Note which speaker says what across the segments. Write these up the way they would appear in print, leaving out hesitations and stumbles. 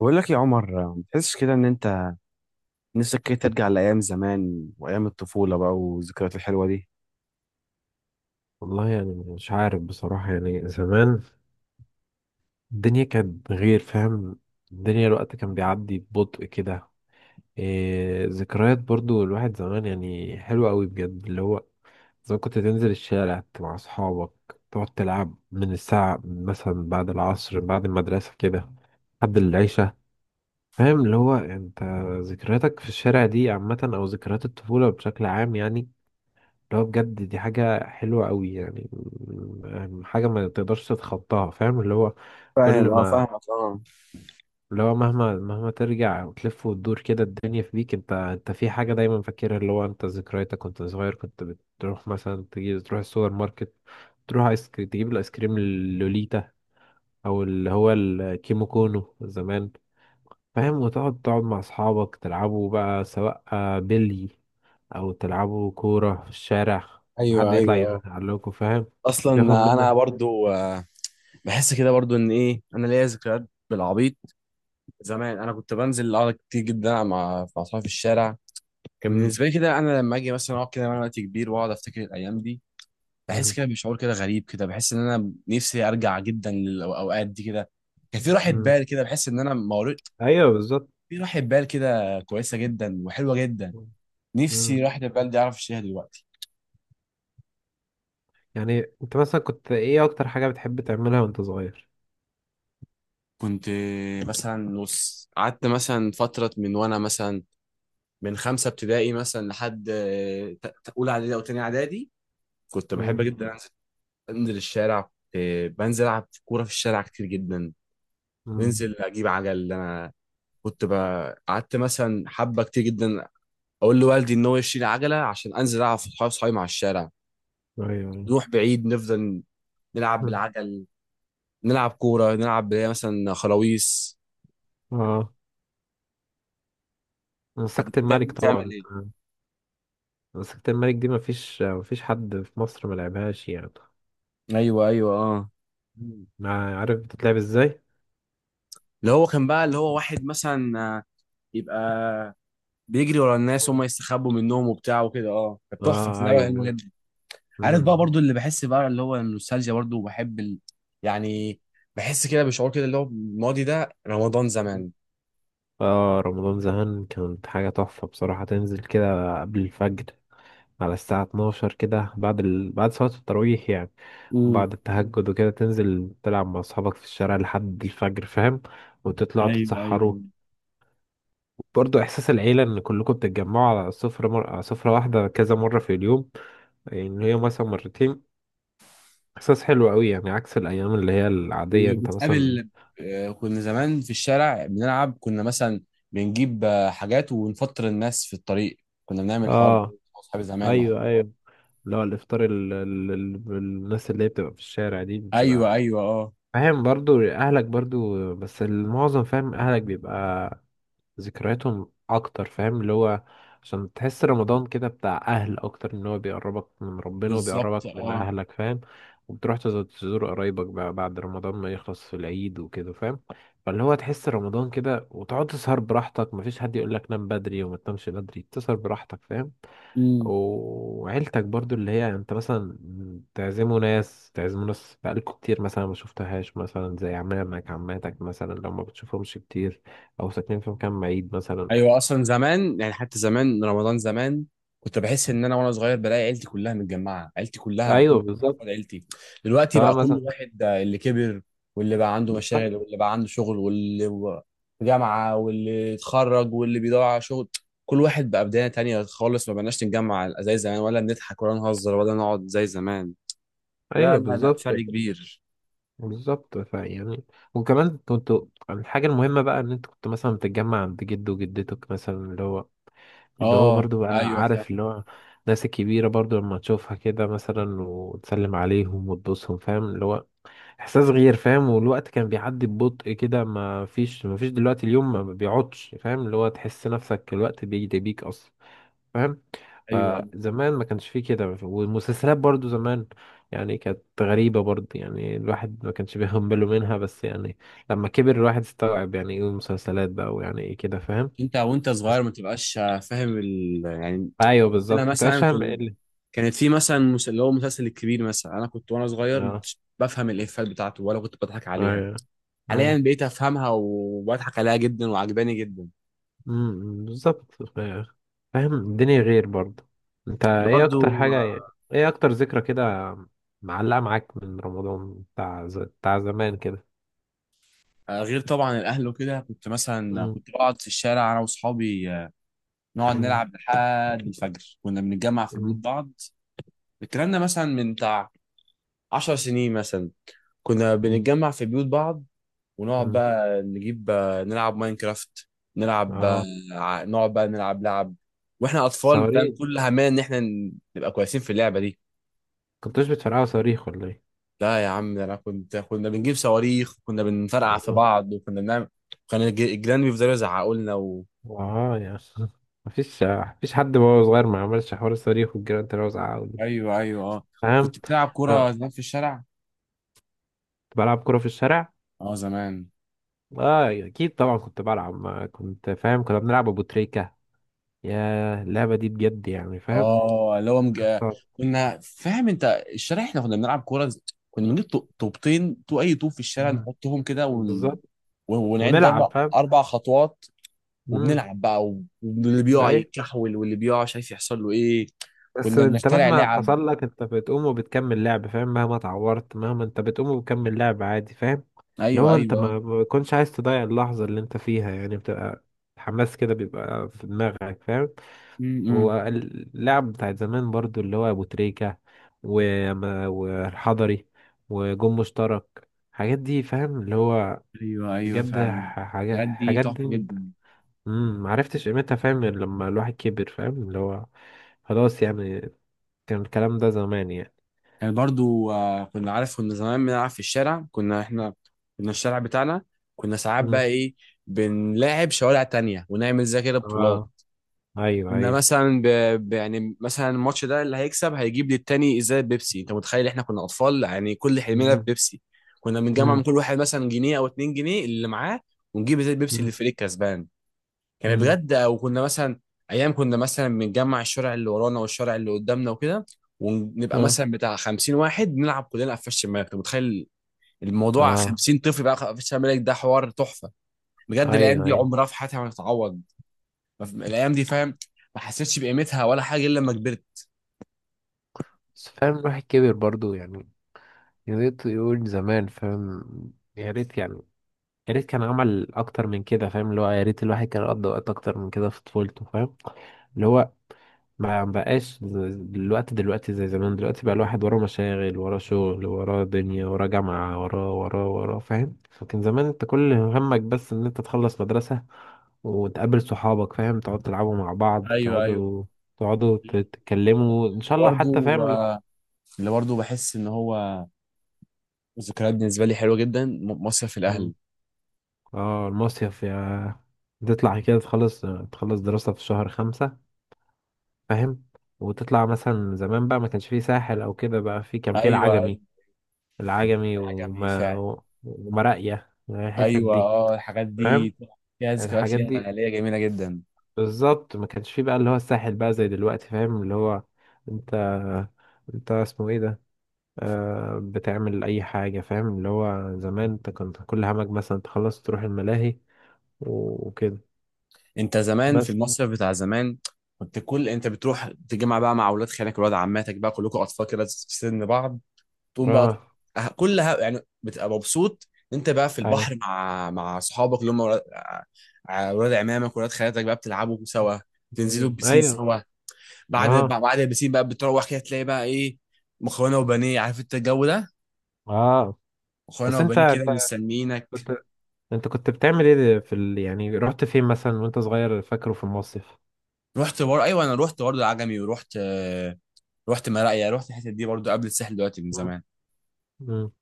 Speaker 1: بقول لك يا عمر، ما تحسش كده ان انت نفسك كده ترجع لايام زمان وايام الطفوله بقى والذكريات الحلوه دي.
Speaker 2: والله يعني مش عارف بصراحة يعني زمان الدنيا كانت غير فاهم. الوقت كان بيعدي ببطء كده. إيه ذكريات برضو الواحد زمان يعني حلوة قوي بجد اللي هو زمان كنت تنزل الشارع مع أصحابك تقعد تلعب من الساعة مثلا بعد العصر بعد المدرسة كده لحد العشاء. فاهم اللي هو انت ذكرياتك في الشارع دي عامة أو ذكريات الطفولة بشكل عام يعني. اللي هو بجد دي حاجة حلوة قوي يعني حاجة ما تقدرش تتخطاها فاهم اللي هو. كل
Speaker 1: فاهم، اه،
Speaker 2: ما
Speaker 1: فاهمك اه.
Speaker 2: اللي هو مهما ترجع وتلف وتدور كده الدنيا في بيك انت في حاجة دايما فاكرها اللي هو انت ذكرياتك وانت صغير كنت بتروح مثلا تجي تروح السوبر ماركت. تروح ايس كريم تجيب الايس كريم اللوليتا او اللي هو الكيمو كونو زمان. فاهم وتقعد مع أصحابك تلعبوا بقى سواء آه، بلي أو تلعبوا كورة في الشارع. وحد
Speaker 1: ايوه ايوه
Speaker 2: يطلع
Speaker 1: اه.
Speaker 2: يعلقكوا فاهم.
Speaker 1: اصلا
Speaker 2: بياخد
Speaker 1: انا
Speaker 2: منك.
Speaker 1: برضو بحس كده برضو ان ايه، انا ليا ذكريات بالعبيط. زمان انا كنت بنزل اقعد كتير جدا مع اصحابي في الشارع. كان
Speaker 2: مم.
Speaker 1: بالنسبه لي كده، انا لما اجي مثلا اقعد كده وانا وقت كبير واقعد افتكر الايام دي، بحس
Speaker 2: مم.
Speaker 1: كده بشعور كده غريب، كده بحس ان انا نفسي ارجع جدا للاوقات دي كده. كان في راحه
Speaker 2: مم.
Speaker 1: بال كده، بحس ان انا
Speaker 2: أيوه بالظبط.
Speaker 1: في راحة بال كده كويسة جدا وحلوة جدا.
Speaker 2: مم.
Speaker 1: نفسي راحة البال دي أعرف أشتريها دلوقتي.
Speaker 2: يعني أنت مثلا كنت إيه أكتر حاجة بتحب تعملها وأنت صغير؟
Speaker 1: كنت مثلا نص قعدت مثلا فترة من وأنا مثلا من خمسة ابتدائي مثلا لحد أولى إعدادي أو تانية إعدادي. كنت بحب
Speaker 2: مم.
Speaker 1: جدا أنزل الشارع. كنت بنزل ألعب كورة في الشارع كتير جدا.
Speaker 2: مم.
Speaker 1: ننزل أجيب عجل. أنا كنت قعدت مثلا حبة كتير جدا أقول لوالدي إن هو يشتري عجلة عشان أنزل ألعب في صحابي مع الشارع.
Speaker 2: أيوه أيوه.
Speaker 1: نروح بعيد، نفضل نلعب
Speaker 2: مم.
Speaker 1: بالعجل، نلعب كورة، نلعب اللي هي مثلا خلاويص.
Speaker 2: أه. مسكت
Speaker 1: تعمل
Speaker 2: الملك طبعا
Speaker 1: ايه؟
Speaker 2: آه، مسكت الملك دي مفيش حد في مصر ملعبهاش يعني.
Speaker 1: ايوه ايوه اه.
Speaker 2: مم. عارف بتتلعب إزاي؟
Speaker 1: اللي هو كان بقى اللي هو واحد مثلا، يبقى بيجري ورا الناس، هم يستخبوا منهم وبتاع وكده. اه كانت تحفة، كانت
Speaker 2: اه
Speaker 1: لعبة حلوة
Speaker 2: ايوه.
Speaker 1: جدا. عارف بقى
Speaker 2: مم.
Speaker 1: برضو، اللي بحس بقى اللي هو النوستالجيا، برضو بحب يعني بحس كده بشعور كده اللي هو الماضي ده، رمضان زمان.
Speaker 2: اه رمضان زمان كانت حاجة تحفة بصراحة تنزل كده قبل الفجر على الساعة 12 كده بعد صلاة التراويح يعني.
Speaker 1: امم.
Speaker 2: وبعد التهجد وكده تنزل تلعب مع أصحابك في الشارع لحد الفجر فاهم. وتطلعوا
Speaker 1: ايوه
Speaker 2: تتسحروا.
Speaker 1: ايوه.
Speaker 2: برضه إحساس العيلة إن كلكم بتتجمعوا على سفرة واحدة كذا مرة في اليوم يعني هي مثلا مرتين. إحساس حلو أوي يعني عكس الأيام اللي هي العادية أنت مثلا
Speaker 1: وبتقابل، كنا زمان في الشارع بنلعب، كنا مثلا بنجيب حاجات ونفطر الناس في الطريق. كنا بنعمل الحوار ده
Speaker 2: آه
Speaker 1: مع اصحابي زمان، وحوار
Speaker 2: ايوه
Speaker 1: ده.
Speaker 2: ايوه. اللي هو الافطار الناس اللي هي بتبقى في الشارع دي
Speaker 1: ايوه
Speaker 2: بتبقى
Speaker 1: ايوه اه.
Speaker 2: فاهم برضو اهلك برضو بس المعظم فاهم اهلك بيبقى ذكرياتهم اكتر فاهم اللي هو. عشان تحس رمضان كده بتاع اهل اكتر ان هو بيقربك من ربنا
Speaker 1: بالظبط
Speaker 2: وبيقربك من
Speaker 1: اه.
Speaker 2: اهلك فاهم. وبتروح تزور قرايبك بقى بعد رمضان ما يخلص في العيد وكده فاهم. فاللي هو تحس رمضان كده وتقعد تسهر براحتك مفيش حد يقولك نام بدري وما تنامش بدري تسهر براحتك فاهم. وعيلتك برضو اللي هي انت مثلا تعزموا ناس بقالكوا كتير مثلا ما شفتهاش مثلا زي عمامك عماتك مثلا لو ما بتشوفهمش كتير او ساكنين في مكان بعيد مثلا.
Speaker 1: ايوه اصلا زمان يعني، حتى زمان رمضان زمان كنت بحس ان انا وانا صغير بلاقي عيلتي كلها متجمعه، عيلتي كلها، كل
Speaker 2: ايوه بالظبط.
Speaker 1: أفراد عيلتي. دلوقتي
Speaker 2: سواء
Speaker 1: بقى كل
Speaker 2: مثلا
Speaker 1: واحد، اللي كبر، واللي بقى عنده
Speaker 2: بالظبط
Speaker 1: مشاغل، واللي بقى عنده شغل، في جامعه، واللي اتخرج، واللي بيدور على شغل. كل واحد بقى بدايه تانية خالص. ما بقناش نتجمع زي زمان، ولا بنضحك ولا نهزر ولا نقعد زي زمان. لا
Speaker 2: ايوه
Speaker 1: لا، لا
Speaker 2: بالظبط.
Speaker 1: فرق كبير.
Speaker 2: بالظبط فيعني. وكمان كنتوا الحاجة المهمة بقى ان انت كنت مثلا بتتجمع عند جد وجدتك مثلا اللي هو اللي هو
Speaker 1: اه
Speaker 2: برضو بقى
Speaker 1: ايوه فعلا.
Speaker 2: عارف اللي هو الناس الكبيرة برضو لما تشوفها كده مثلا وتسلم عليهم وتبوسهم فاهم اللي هو احساس غير فاهم والوقت كان بيعدي ببطء كده ما فيش دلوقتي اليوم ما بيقعدش فاهم اللي هو تحس نفسك الوقت بيجري بيك اصلا فاهم.
Speaker 1: ايوه، أيوة.
Speaker 2: فزمان ما كانش فيه كده والمسلسلات برضو زمان يعني كانت غريبة برضو يعني الواحد ما كانش بياخد باله منها بس يعني لما كبر الواحد استوعب يعني ايه المسلسلات بقى ويعني ايه كده فاهم
Speaker 1: انت وانت صغير
Speaker 2: بس.
Speaker 1: ما تبقاش فاهم يعني.
Speaker 2: ايوه
Speaker 1: انا
Speaker 2: بالظبط ما كنتش
Speaker 1: مثلا
Speaker 2: فاهم ايه اللي.
Speaker 1: كانت في مثلا اللي هو مسلسل الكبير مثلا، انا كنت وانا صغير ما
Speaker 2: اه
Speaker 1: كنتش بفهم الافيهات بتاعته ولا كنت بضحك عليها.
Speaker 2: ايوه.
Speaker 1: حاليا
Speaker 2: أيوة.
Speaker 1: بقيت افهمها وبضحك عليها جدا وعجباني جدا.
Speaker 2: بالظبط فاهم الدنيا غير برضه. انت
Speaker 1: اللي
Speaker 2: ايه اكتر
Speaker 1: برضو،
Speaker 2: حاجة يعني ايه اكتر ذكرى كده معلقة معاك من رمضان بتاع زمان كده.
Speaker 1: غير طبعا الاهل وكده، كنت مثلا
Speaker 2: امم.
Speaker 1: كنت بقعد في الشارع انا واصحابي، نقعد
Speaker 2: امم.
Speaker 1: نلعب لحد الفجر. كنا بنتجمع في بيوت
Speaker 2: امم.
Speaker 1: بعض. الكلام ده مثلا من بتاع 10 سنين مثلا. كنا
Speaker 2: امم.
Speaker 1: بنتجمع في بيوت بعض ونقعد
Speaker 2: امم.
Speaker 1: بقى نجيب، نلعب ماينكرافت، نلعب،
Speaker 2: اه
Speaker 1: نقعد بقى نلعب لعب واحنا اطفال. فاهم
Speaker 2: صواريخ.
Speaker 1: كل همنا ان احنا نبقى كويسين في اللعبه دي.
Speaker 2: كنتوش بتفرقعوا صواريخ ولا ايه؟
Speaker 1: لا يا عم، ده انا كنت، كنا بنجيب صواريخ، كنا بنفرقع في
Speaker 2: اه.
Speaker 1: بعض، وكنا بنعمل، كان الجيران بيفضلوا يزعقوا لنا و...
Speaker 2: اه يا اخي. مفيش حد وهو صغير ما عملش حوار الصواريخ والجيران تلاقوا زعقوا دي
Speaker 1: ايوه ايوه اه. كنت
Speaker 2: فاهم.
Speaker 1: بتلعب كوره
Speaker 2: لا
Speaker 1: زمان في الشارع؟
Speaker 2: كنت بلعب كورة في الشارع.
Speaker 1: اه زمان.
Speaker 2: اه اكيد طبعا كنت بلعب ما كنت فاهم كنا بنلعب ابو تريكة يا اللعبة دي بجد يعني فاهم.
Speaker 1: اه اللي هو
Speaker 2: طب.
Speaker 1: كنا فاهم انت الشارع، احنا كنا بنلعب كوره. كنا بنجيب طوبتين تو اي طوب في الشارع،
Speaker 2: مم.
Speaker 1: نحطهم كده ون...
Speaker 2: بالظبط
Speaker 1: ونعد اربع
Speaker 2: ونلعب فاهم.
Speaker 1: اربع خطوات،
Speaker 2: امم.
Speaker 1: وبنلعب بقى واللي بيقع
Speaker 2: اي.
Speaker 1: يتكحول، واللي بيقع مش عارف يحصل له ايه.
Speaker 2: بس
Speaker 1: كنا
Speaker 2: انت
Speaker 1: بنخترع
Speaker 2: مهما
Speaker 1: لعب.
Speaker 2: حصل لك انت بتقوم وبتكمل لعب فاهم مهما اتعورت مهما انت بتقوم وبتكمل لعب عادي فاهم.
Speaker 1: ايوه
Speaker 2: لو انت
Speaker 1: ايوه.
Speaker 2: ما بتكونش عايز تضيع اللحظة اللي انت فيها يعني بتبقى الحماس كده بيبقى في دماغك فاهم.
Speaker 1: امم.
Speaker 2: واللعب بتاعت زمان برضو اللي هو ابو تريكة والحضري وجون مشترك الحاجات دي فاهم اللي هو
Speaker 1: ايوه ايوه
Speaker 2: بجد
Speaker 1: فعلا.
Speaker 2: حاجات
Speaker 1: الحاجات دي
Speaker 2: حاجات
Speaker 1: تحفه
Speaker 2: دي.
Speaker 1: جدا.
Speaker 2: معرفتش قيمتها فاهم غير لما الواحد كبر فاهم اللي هو خلاص يعني كان الكلام ده زمان يعني.
Speaker 1: يعني برضو، كنا عارف كنا زمان بنلعب في الشارع، كنا احنا كنا الشارع بتاعنا. كنا ساعات بقى
Speaker 2: امم.
Speaker 1: ايه، بنلاعب شوارع تانية ونعمل زي كده بطولات.
Speaker 2: اه ايوه
Speaker 1: كنا
Speaker 2: ايوه.
Speaker 1: مثلا يعني مثلا الماتش ده اللي هيكسب هيجيب للتاني ازاي بيبسي. انت متخيل؟ احنا كنا اطفال يعني، كل حلمنا في
Speaker 2: امم.
Speaker 1: بيبسي. كنا بنجمع من كل واحد مثلا جنيه او اتنين جنيه اللي معاه، ونجيب ازاي بيبسي اللي
Speaker 2: امم.
Speaker 1: الفريق كسبان. كانت
Speaker 2: امم.
Speaker 1: غدا. وكنا مثلا ايام كنا مثلا بنجمع الشارع اللي ورانا والشارع اللي قدامنا وكده، ونبقى
Speaker 2: اه.
Speaker 1: مثلا بتاع 50 واحد نلعب كلنا قفش شماغ. انت متخيل الموضوع؟
Speaker 2: اه
Speaker 1: 50 طفل بقى قفش شماغ، ده حوار تحفه. بجد الايام
Speaker 2: ايوه
Speaker 1: دي
Speaker 2: ايوه.
Speaker 1: عمرها في حياتي ما هتتعوض. ما في- الايام دي، فاهم، ما حسيتش بقيمتها ولا حاجه الا لما كبرت.
Speaker 2: بس فاهم الواحد كبر برضو يعني يا ريت يقول زمان فاهم يا ريت يعني يا ريت كان عمل اكتر من كده فاهم اللي هو يا ريت الواحد كان قضى وقت اكتر من كده في طفولته فاهم اللي هو ما بقاش دلوقتي زي زمان دلوقتي بقى الواحد وراه مشاغل وراه شغل وراه دنيا وراه جامعة وراه وراه وراه فاهم فكان زمان انت كل همك بس ان انت تخلص مدرسة وتقابل صحابك فاهم تقعدوا تلعبوا مع بعض
Speaker 1: ايوه ايوه.
Speaker 2: تقعدوا تتكلموا ان
Speaker 1: اللي
Speaker 2: شاء الله حتى
Speaker 1: برضه،
Speaker 2: فاهم
Speaker 1: اللي برضه بحس ان هو ذكريات بالنسبه لي حلوه جدا، مصيف
Speaker 2: مم.
Speaker 1: الاهل.
Speaker 2: اه المصيف يا تطلع كده تخلص دراسة في شهر خمسة فاهم. وتطلع مثلا زمان بقى ما كانش فيه ساحل او كده بقى في كان فيه
Speaker 1: ايوه ايوه.
Speaker 2: العجمي العجمي
Speaker 1: حاجه جميله
Speaker 2: وما
Speaker 1: فعلا.
Speaker 2: ومراقية الحتت
Speaker 1: ايوه
Speaker 2: دي
Speaker 1: اه، الحاجات
Speaker 2: فاهم
Speaker 1: دي فيها ذكريات
Speaker 2: الحاجات دي.
Speaker 1: ليها، ليا جميله جدا.
Speaker 2: بالظبط ما كانش فيه بقى اللي هو الساحل بقى زي دلوقتي فاهم اللي هو انت انت اسمه ايه ده آه بتعمل اي حاجة فاهم اللي هو زمان انت كنت كل همك مثلا تخلص تروح الملاهي وكده
Speaker 1: انت زمان في
Speaker 2: بس.
Speaker 1: المصيف بتاع زمان كنت كل انت بتروح تجمع بقى مع اولاد خالك ولاد عماتك بقى، كلكم اطفال كده في سن بعض. تقوم بقى
Speaker 2: اه
Speaker 1: كلها يعني بتبقى مبسوط، انت بقى في
Speaker 2: ايوه
Speaker 1: البحر مع صحابك اللي هم ولاد، ولاد عمامك ولاد خالاتك بقى، بتلعبوا سوا، تنزلوا البسين
Speaker 2: ايوه
Speaker 1: سوا. بعد
Speaker 2: اه
Speaker 1: بعد البسين بقى بتروح كده تلاقي بقى ايه، مكرونه وبانيه. عارف انت الجو ده،
Speaker 2: اه.
Speaker 1: مكرونه
Speaker 2: بس
Speaker 1: وبانيه كده مستنيينك.
Speaker 2: كنت انت كنت بتعمل ايه في يعني رحت فين مثلا وانت صغير فاكره في المصيف؟
Speaker 1: ايوه انا رحت برضه العجمي، ورحت، رحت مراقيا، رحت الحتت دي برضه قبل الساحل دلوقتي، من زمان.
Speaker 2: مم.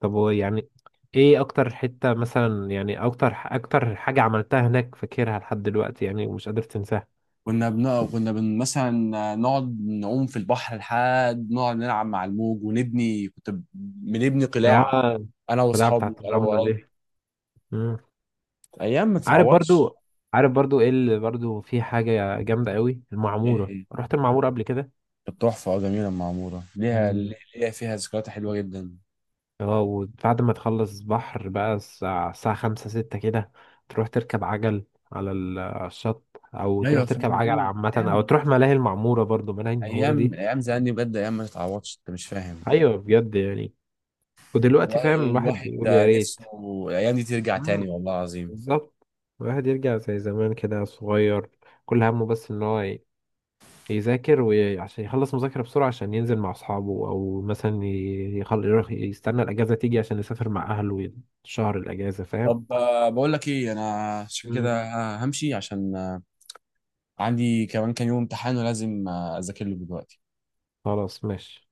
Speaker 2: طب هو يعني ايه اكتر حتة مثلا يعني اكتر حاجة عملتها هناك فاكرها لحد دلوقتي يعني ومش قادر تنساها؟
Speaker 1: مثلا نقعد نعوم في البحر لحد، نقعد نلعب مع الموج، ونبني، كنت بنبني قلاع
Speaker 2: اه
Speaker 1: انا
Speaker 2: القلاع
Speaker 1: واصحابي
Speaker 2: بتاعت
Speaker 1: انا
Speaker 2: الرملة دي.
Speaker 1: وقرايبي.
Speaker 2: مم.
Speaker 1: ايام ما
Speaker 2: عارف
Speaker 1: تتعوضش.
Speaker 2: برضو عارف برضو ايه اللي برضو في حاجة جامدة قوي
Speaker 1: إيه،
Speaker 2: المعمورة
Speaker 1: إيه.
Speaker 2: رحت المعمورة قبل كده.
Speaker 1: كانت تحفه اه، جميله معموره، ليها،
Speaker 2: مم.
Speaker 1: ليها فيها ذكريات حلوه جدا.
Speaker 2: اه وبعد ما تخلص بحر بقى الساعة خمسة ستة كده تروح تركب عجل على الشط او تروح
Speaker 1: ايوه
Speaker 2: تركب
Speaker 1: فاهم.
Speaker 2: عجل
Speaker 1: ايوه
Speaker 2: عامة
Speaker 1: ايام
Speaker 2: او
Speaker 1: والله.
Speaker 2: تروح ملاهي المعمورة برضو ملاهي المعمورة
Speaker 1: ايام،
Speaker 2: دي.
Speaker 1: ايام زمان دي بجد ايام ما تتعوضش، انت مش فاهم.
Speaker 2: ايوه بجد يعني ودلوقتي
Speaker 1: والله
Speaker 2: فاهم الواحد
Speaker 1: الواحد
Speaker 2: بيقول
Speaker 1: ده
Speaker 2: يا ريت.
Speaker 1: نفسه الايام دي ترجع تاني
Speaker 2: مم،
Speaker 1: والله العظيم.
Speaker 2: بالظبط. الواحد يرجع زي زمان كده صغير كل همه بس ان هو يذاكر وعشان يخلص مذاكرة بسرعة عشان ينزل مع اصحابه او مثلا يروح يستنى الاجازة تيجي عشان يسافر مع اهله شهر الاجازة فاهم.
Speaker 1: طب، بقول لك ايه، انا شوف
Speaker 2: مم،
Speaker 1: كده، همشي عشان، عندي كمان كام يوم امتحان ولازم، اذاكر له دلوقتي.
Speaker 2: خلاص ماشي.